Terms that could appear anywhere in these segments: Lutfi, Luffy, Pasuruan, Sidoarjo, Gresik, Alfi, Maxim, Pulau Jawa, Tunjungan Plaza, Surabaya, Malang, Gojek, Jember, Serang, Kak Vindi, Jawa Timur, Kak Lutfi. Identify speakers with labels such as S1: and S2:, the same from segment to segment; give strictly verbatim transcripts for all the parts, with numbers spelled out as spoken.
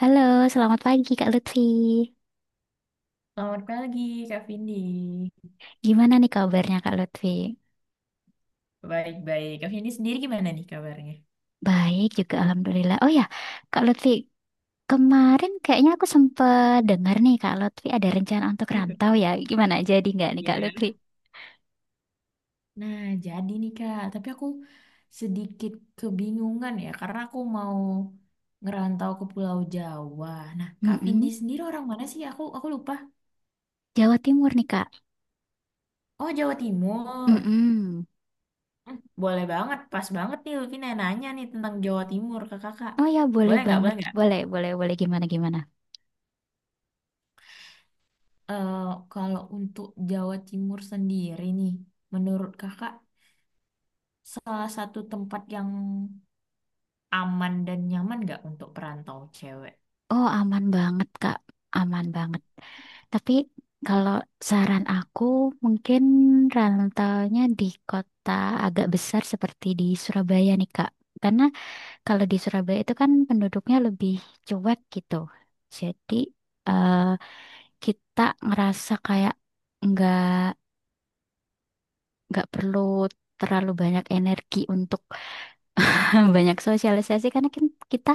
S1: Halo, selamat pagi Kak Lutfi.
S2: Selamat pagi, Kak Vindi.
S1: Gimana nih kabarnya Kak Lutfi?
S2: Baik-baik. Kak Vindi sendiri gimana nih kabarnya?
S1: Baik juga Alhamdulillah. Oh ya, Kak Lutfi, kemarin kayaknya aku sempat dengar nih Kak Lutfi ada rencana untuk rantau ya. Gimana jadi nggak nih Kak Lutfi?
S2: Ya. Nah, jadi nih Kak, tapi aku sedikit kebingungan ya, karena aku mau ngerantau ke Pulau Jawa. Nah, Kak Vindi
S1: Mm-mm.
S2: sendiri orang mana sih? Aku aku lupa.
S1: Jawa Timur nih Kak.
S2: Oh, Jawa Timur.
S1: Mm-mm.
S2: Hmm, Boleh banget, pas banget nih Luffy nanya nih tentang Jawa Timur ke kakak.
S1: Oh ya, boleh
S2: Boleh nggak,
S1: banget.
S2: boleh nggak?
S1: Boleh, boleh, boleh. Gimana, gimana?
S2: Eh, Kalau untuk Jawa Timur sendiri nih, menurut kakak salah satu tempat yang aman dan nyaman nggak untuk perantau cewek?
S1: Oh, aman banget Kak. Aman banget. Tapi kalau saran aku mungkin rantaunya di kota agak besar seperti di Surabaya nih Kak. Karena kalau di Surabaya itu kan penduduknya lebih cuek gitu. Jadi eh, kita ngerasa kayak nggak nggak perlu terlalu banyak energi untuk banyak sosialisasi karena kan kita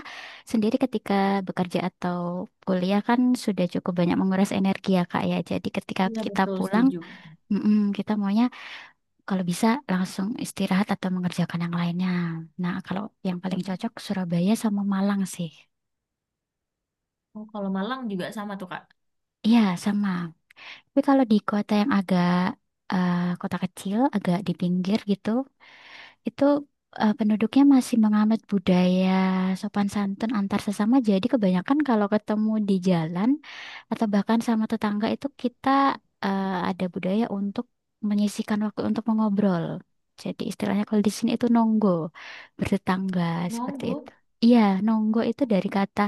S1: sendiri ketika bekerja atau kuliah kan sudah cukup banyak menguras energi ya Kak ya. Jadi ketika
S2: Iya
S1: kita
S2: betul,
S1: pulang,
S2: setuju.
S1: mm-mm, kita maunya kalau bisa langsung istirahat atau mengerjakan yang lainnya. Nah, kalau yang paling cocok Surabaya sama Malang sih.
S2: Oh, kalau Malang juga sama tuh Kak.
S1: Iya, sama. Tapi kalau di kota yang agak eh, kota kecil, agak di pinggir gitu, itu eh, penduduknya masih menganut budaya sopan santun antar sesama. Jadi kebanyakan kalau ketemu di jalan atau bahkan sama tetangga itu kita eh, ada budaya untuk menyisihkan waktu untuk mengobrol. Jadi istilahnya kalau di sini itu nonggo, bertetangga seperti itu.
S2: Nunggu.
S1: Iya, nonggo itu dari kata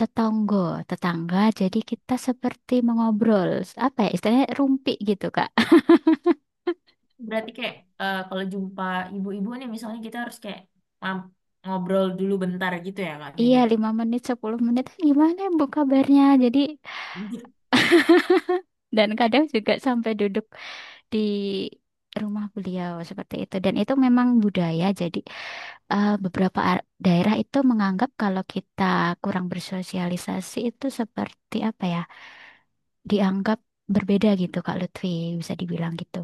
S1: tetonggo, tetangga. Jadi kita seperti mengobrol, apa ya istilahnya rumpi gitu, Kak.
S2: Berarti kayak eh, kalau jumpa ibu-ibu nih misalnya kita harus kayak um, ngobrol dulu bentar gitu ya Kak
S1: Iya,
S2: Vini.
S1: lima menit, sepuluh menit, "Eh, gimana ya, Bu kabarnya? Jadi, dan kadang juga sampai duduk di rumah beliau seperti itu. Dan itu memang budaya, jadi eh, beberapa ar- daerah itu menganggap kalau kita kurang bersosialisasi itu seperti apa ya, dianggap berbeda gitu, Kak Lutfi, bisa dibilang gitu.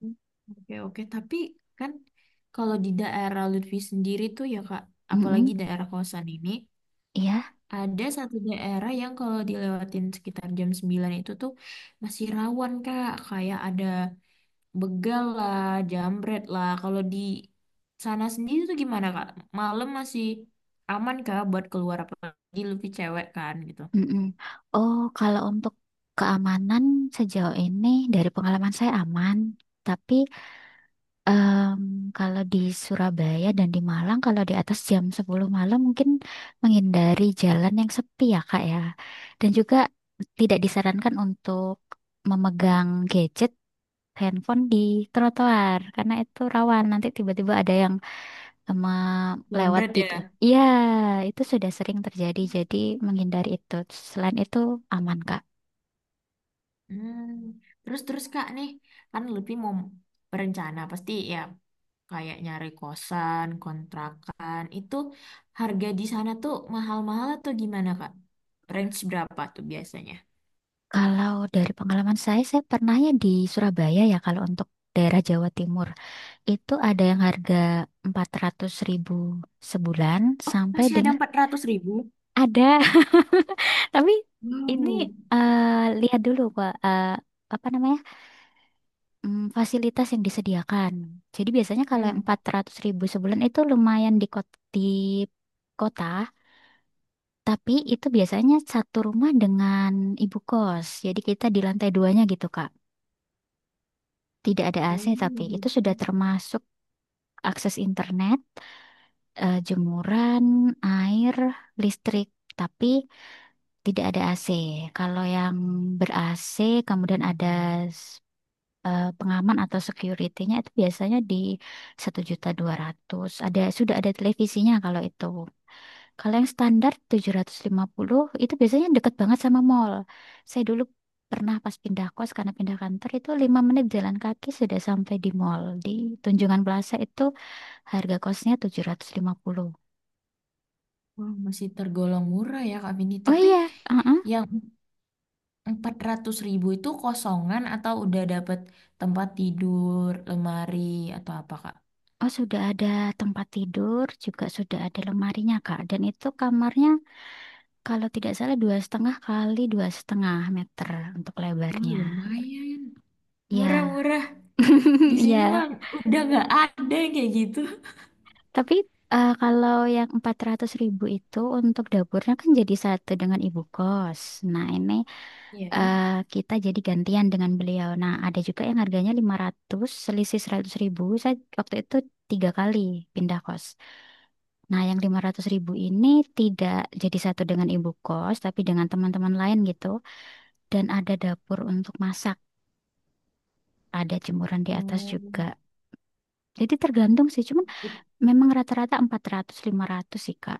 S2: Oke, oke. Tapi kan kalau di daerah Lutfi sendiri tuh ya Kak, apalagi
S1: Mm-mm.
S2: daerah kosan ini,
S1: Iya.
S2: ada satu daerah yang kalau dilewatin sekitar jam sembilan itu tuh masih rawan, Kak. Kayak ada begal lah, jambret lah. Kalau di sana sendiri tuh gimana, Kak? Malam masih aman, Kak, buat keluar apalagi lebih cewek kan gitu.
S1: Mm-mm. Oh, kalau untuk keamanan sejauh ini dari pengalaman saya aman. Tapi em, kalau di Surabaya dan di Malang, kalau di atas jam sepuluh malam mungkin menghindari jalan yang sepi ya Kak ya. Dan juga tidak disarankan untuk memegang gadget, handphone di trotoar karena itu rawan nanti tiba-tiba ada yang sama lewat
S2: Jambret
S1: di,
S2: ya.
S1: ya, itu sudah sering terjadi. Jadi menghindari itu. Selain itu aman, Kak.
S2: Hmm. Terus terus Kak nih, kan lebih mau berencana pasti ya kayak nyari kosan, kontrakan, itu harga di sana tuh mahal-mahal atau gimana, Kak? Range berapa tuh biasanya?
S1: Kalau dari pengalaman saya, saya pernahnya di Surabaya ya kalau untuk daerah Jawa Timur. Itu ada yang harga empat ratus ribu sebulan
S2: Oh,
S1: sampai
S2: masih ada
S1: dengan
S2: empat ratus ribu.
S1: ada. Tapi ini,
S2: Wow.
S1: eh, lihat dulu Kak, eh, apa namanya? Mm, fasilitas yang disediakan. Jadi biasanya kalau yang
S2: Hmm.
S1: empat ratus ribu sebulan itu lumayan di kot- di kota. Tapi itu biasanya satu rumah dengan ibu kos. Jadi kita di lantai duanya gitu, Kak. Tidak ada
S2: Oh,
S1: A C, tapi
S2: gitu.
S1: itu sudah termasuk akses internet, eh, jemuran, air, listrik. Tapi tidak ada A C. Kalau yang ber-A C kemudian ada s- eh, pengaman atau security-nya itu biasanya di satu juta dua ratus. Ada, sudah ada televisinya kalau itu. Kalau yang standar tujuh ratus lima puluh itu biasanya deket banget sama mall. Saya dulu pernah pas pindah kos karena pindah kantor itu lima menit jalan kaki sudah sampai di mall. Di Tunjungan Plaza itu harga kosnya tujuh ratus lima puluh.
S2: Wah, masih tergolong murah ya, Kak Vini.
S1: Oh
S2: Tapi
S1: iya, uh-uh.
S2: yang empat ratus ribu itu kosongan atau udah dapet tempat tidur, lemari, atau apa, Kak?
S1: Oh sudah ada tempat tidur, juga sudah ada lemarinya Kak. Dan itu kamarnya kalau tidak salah dua setengah kali dua setengah meter untuk
S2: Oh,
S1: lebarnya.
S2: lumayan.
S1: Ya,
S2: Murah-murah. Di sini
S1: ya.
S2: mah udah nggak ada yang kayak gitu.
S1: Tapi eh, kalau yang empat ratus ribu itu untuk dapurnya kan jadi satu dengan ibu kos. Nah ini
S2: Ya.
S1: eh, kita jadi gantian dengan beliau. Nah ada juga yang harganya lima ratus, selisih seratus ribu. Saya waktu itu tiga kali pindah kos. Nah yang lima ratus ribu ini tidak jadi satu dengan ibu kos, tapi dengan teman-teman lain gitu. Dan ada dapur untuk masak, ada jemuran di atas
S2: Oh.
S1: juga. Jadi tergantung sih, cuman memang rata-rata empat ratus lima ratus sih, Kak.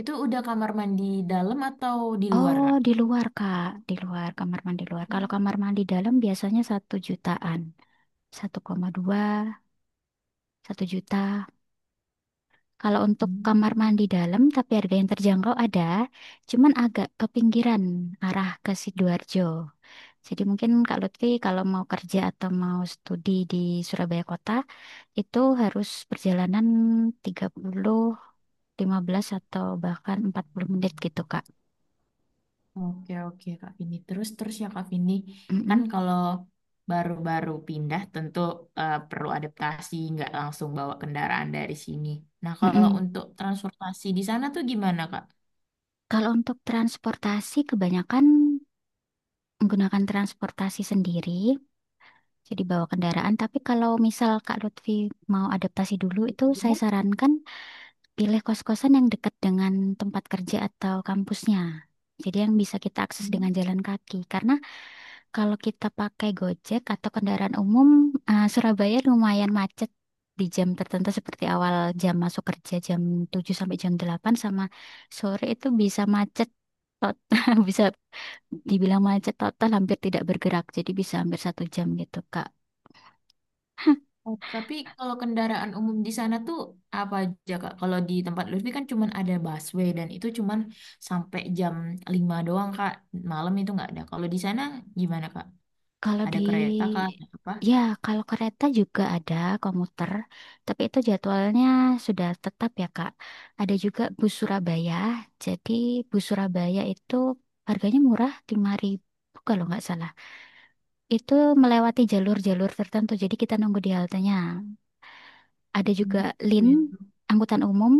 S2: Itu udah kamar mandi dalam atau di luar,
S1: Oh,
S2: Kak?
S1: di luar, Kak. Di luar, kamar mandi luar. Kalau kamar mandi dalam biasanya satu jutaan. Satu koma dua, satu juta. Kalau untuk kamar
S2: Hmm,
S1: mandi dalam tapi harga yang terjangkau ada, cuman agak ke pinggiran arah ke Sidoarjo. Jadi mungkin Kak Lutfi kalau mau kerja atau mau studi di Surabaya Kota itu harus perjalanan tiga puluh, lima belas atau bahkan empat puluh menit gitu, Kak.
S2: oke, oke, Kak Vini. Terus, terus ya, Kak Vini. Kan kalau baru-baru pindah tentu eh, perlu adaptasi, nggak langsung bawa kendaraan dari sini. Nah, kalau
S1: Mm
S2: untuk transportasi di sana tuh gimana, Kak?
S1: Kalau untuk transportasi, kebanyakan menggunakan transportasi sendiri, jadi bawa kendaraan. Tapi kalau misal Kak Lutfi mau adaptasi dulu, itu saya sarankan pilih kos-kosan yang dekat dengan tempat kerja atau kampusnya. Jadi yang bisa kita akses dengan
S2: Hmm.
S1: jalan kaki. Karena kalau kita pakai Gojek atau kendaraan umum, eh, Surabaya lumayan macet di jam tertentu seperti awal jam masuk kerja jam tujuh sampai jam delapan, sama sore itu bisa macet total, bisa dibilang macet total, hampir tidak bergerak. Jadi bisa hampir satu jam gitu, Kak.
S2: Oh, tapi kalau kendaraan umum di sana tuh apa aja Kak? Kalau di tempat Lutfi kan cuman ada busway dan itu cuman sampai jam lima doang Kak. Malam itu nggak ada. Kalau di sana gimana Kak?
S1: Kalau
S2: Ada
S1: di
S2: kereta Kak? Ada apa?
S1: ya, kalau kereta juga ada komuter, tapi itu jadwalnya sudah tetap ya Kak. Ada juga bus Surabaya. Jadi bus Surabaya itu harganya murah, lima ribu kalau nggak salah. Itu melewati jalur-jalur tertentu. Jadi kita nunggu di haltenya. Ada juga
S2: Hmm,
S1: Lin,
S2: gitu.
S1: angkutan umum,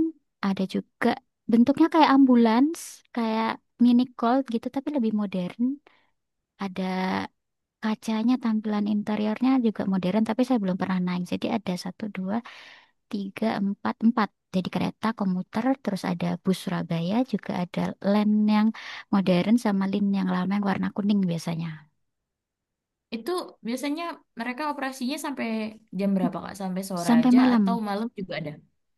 S1: ada juga bentuknya kayak ambulans, kayak mini Colt gitu tapi lebih modern. Ada kacanya, tampilan interiornya juga modern, tapi saya belum pernah naik. Jadi ada satu, dua, tiga, empat, empat. Jadi kereta komuter, terus ada bus Surabaya, juga ada line yang modern sama line yang lama yang warna kuning biasanya.
S2: Itu biasanya mereka operasinya sampai jam berapa Kak? Sampai sore
S1: Sampai
S2: aja
S1: malam,
S2: atau malam juga ada?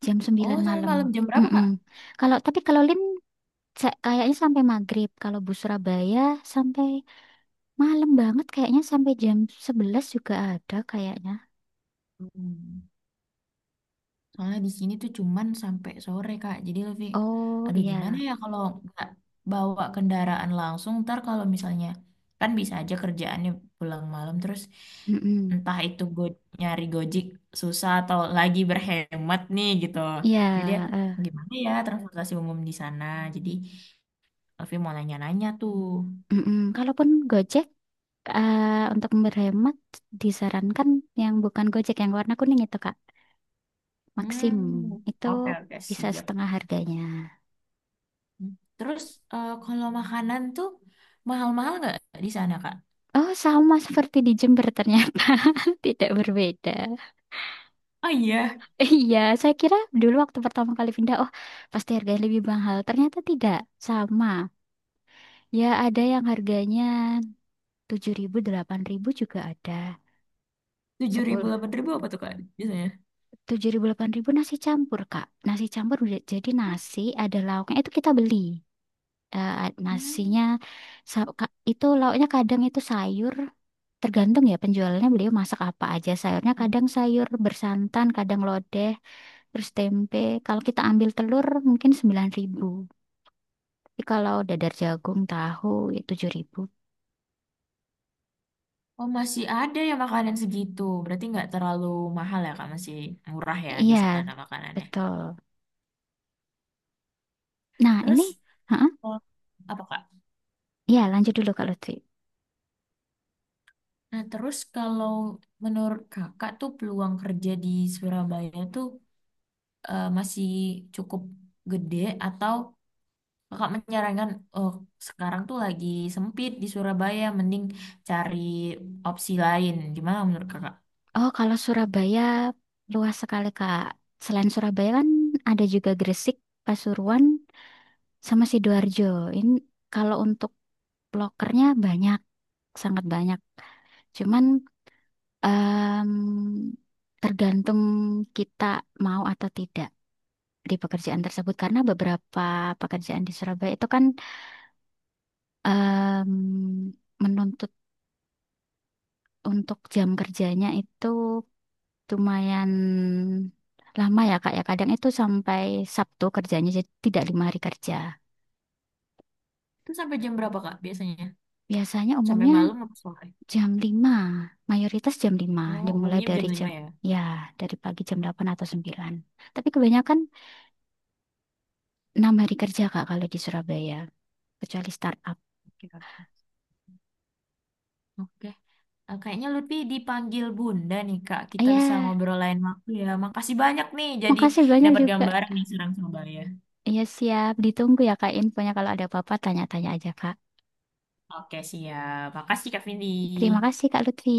S1: jam
S2: Oh,
S1: sembilan
S2: sampai
S1: malam.
S2: malam jam berapa
S1: Mm-mm.
S2: Kak?
S1: Kalau, tapi kalau line sa- kayaknya sampai maghrib. Kalau bus Surabaya sampai malam banget, kayaknya sampai jam sebelas juga ada kayaknya.
S2: Hmm. Soalnya di sini tuh cuman sampai sore, Kak. Jadi lebih,
S1: Oh
S2: aduh gimana
S1: iya.
S2: ya kalau nggak bawa kendaraan langsung, ntar kalau misalnya, kan bisa aja kerjaannya pulang malam, terus
S1: Mm-mm.
S2: entah itu go nyari Gojek susah atau lagi berhemat nih gitu.
S1: Iya,
S2: Jadi ya,
S1: eh.
S2: gimana ya transportasi umum di sana. Jadi Alfi mau nanya-nanya tuh.
S1: Mm-mm. Kalaupun Gojek, eh, untuk berhemat disarankan yang bukan Gojek yang warna kuning itu Kak. Maxim
S2: Hmm,
S1: itu
S2: oke, oke,
S1: bisa
S2: siap.
S1: setengah harganya.
S2: Terus eh, kalau makanan tuh mahal-mahal nggak di sana, Kak?
S1: Oh, sama seperti di Jember ternyata. Tidak berbeda.
S2: Oh iya,
S1: Iya, saya kira dulu waktu pertama kali pindah, oh pasti harganya lebih mahal. Ternyata tidak, sama. Ya ada yang harganya tujuh ribu delapan ribu juga ada.
S2: tujuh ribu, delapan ribu apa tuh Kak biasanya?
S1: Tujuh ribu, delapan ribu nasi campur, Kak. Nasi campur udah jadi nasi, ada lauknya. Itu kita beli. Eh,
S2: Hmm.
S1: nasinya sa- ka- itu lauknya kadang itu sayur. Tergantung ya penjualnya beliau masak apa aja. Sayurnya kadang sayur bersantan, kadang lodeh, terus tempe. Kalau kita ambil telur mungkin sembilan ribu. Tapi kalau dadar jagung, tahu ya tujuh ribu.
S2: Oh, masih ada ya makanan segitu. Berarti nggak terlalu mahal ya Kak, masih murah ya di
S1: Iya,
S2: sana makanannya.
S1: betul. Nah,
S2: Terus
S1: ini, heeh.
S2: oh, apa Kak?
S1: Iya, lanjut dulu Kak Lutfi.
S2: Nah terus kalau menurut Kakak tuh peluang kerja di Surabaya tuh eh, masih cukup gede atau Kakak menyarankan oh sekarang tuh lagi sempit di Surabaya, mending cari opsi lain. Gimana menurut Kakak?
S1: Oh, kalau Surabaya luas sekali, Kak. Selain Surabaya kan ada juga Gresik, Pasuruan, sama Sidoarjo. Ini kalau untuk blokernya banyak, sangat banyak. Cuman em, tergantung kita mau atau tidak di pekerjaan tersebut karena beberapa pekerjaan di Surabaya itu kan em, menuntut untuk jam kerjanya itu lumayan lama ya Kak ya. Kadang itu sampai Sabtu kerjanya, jadi tidak lima hari kerja.
S2: Itu sampai jam berapa Kak biasanya?
S1: Biasanya
S2: Sampai
S1: umumnya
S2: malam apa sore?
S1: jam lima, mayoritas jam lima
S2: Oh,
S1: dimulai
S2: umumnya
S1: dari
S2: jam lima
S1: jam,
S2: ya.
S1: ya, dari pagi jam delapan atau sembilan. Tapi kebanyakan enam hari kerja Kak kalau di Surabaya, kecuali startup.
S2: Oke, oke. Oke. Eh, Kayaknya lebih dipanggil Bunda nih, Kak.
S1: Ah,
S2: Kita
S1: ya,
S2: bisa ngobrol lain waktu ya. Makasih banyak nih, jadi
S1: makasih banyak
S2: dapat
S1: juga.
S2: gambaran nih Serang Surabaya.
S1: Ya siap, ditunggu ya Kak infonya kalau ada apa-apa, tanya-tanya aja Kak.
S2: Oke, siap. Makasih, Kak Vindi.
S1: Terima kasih Kak Lutfi.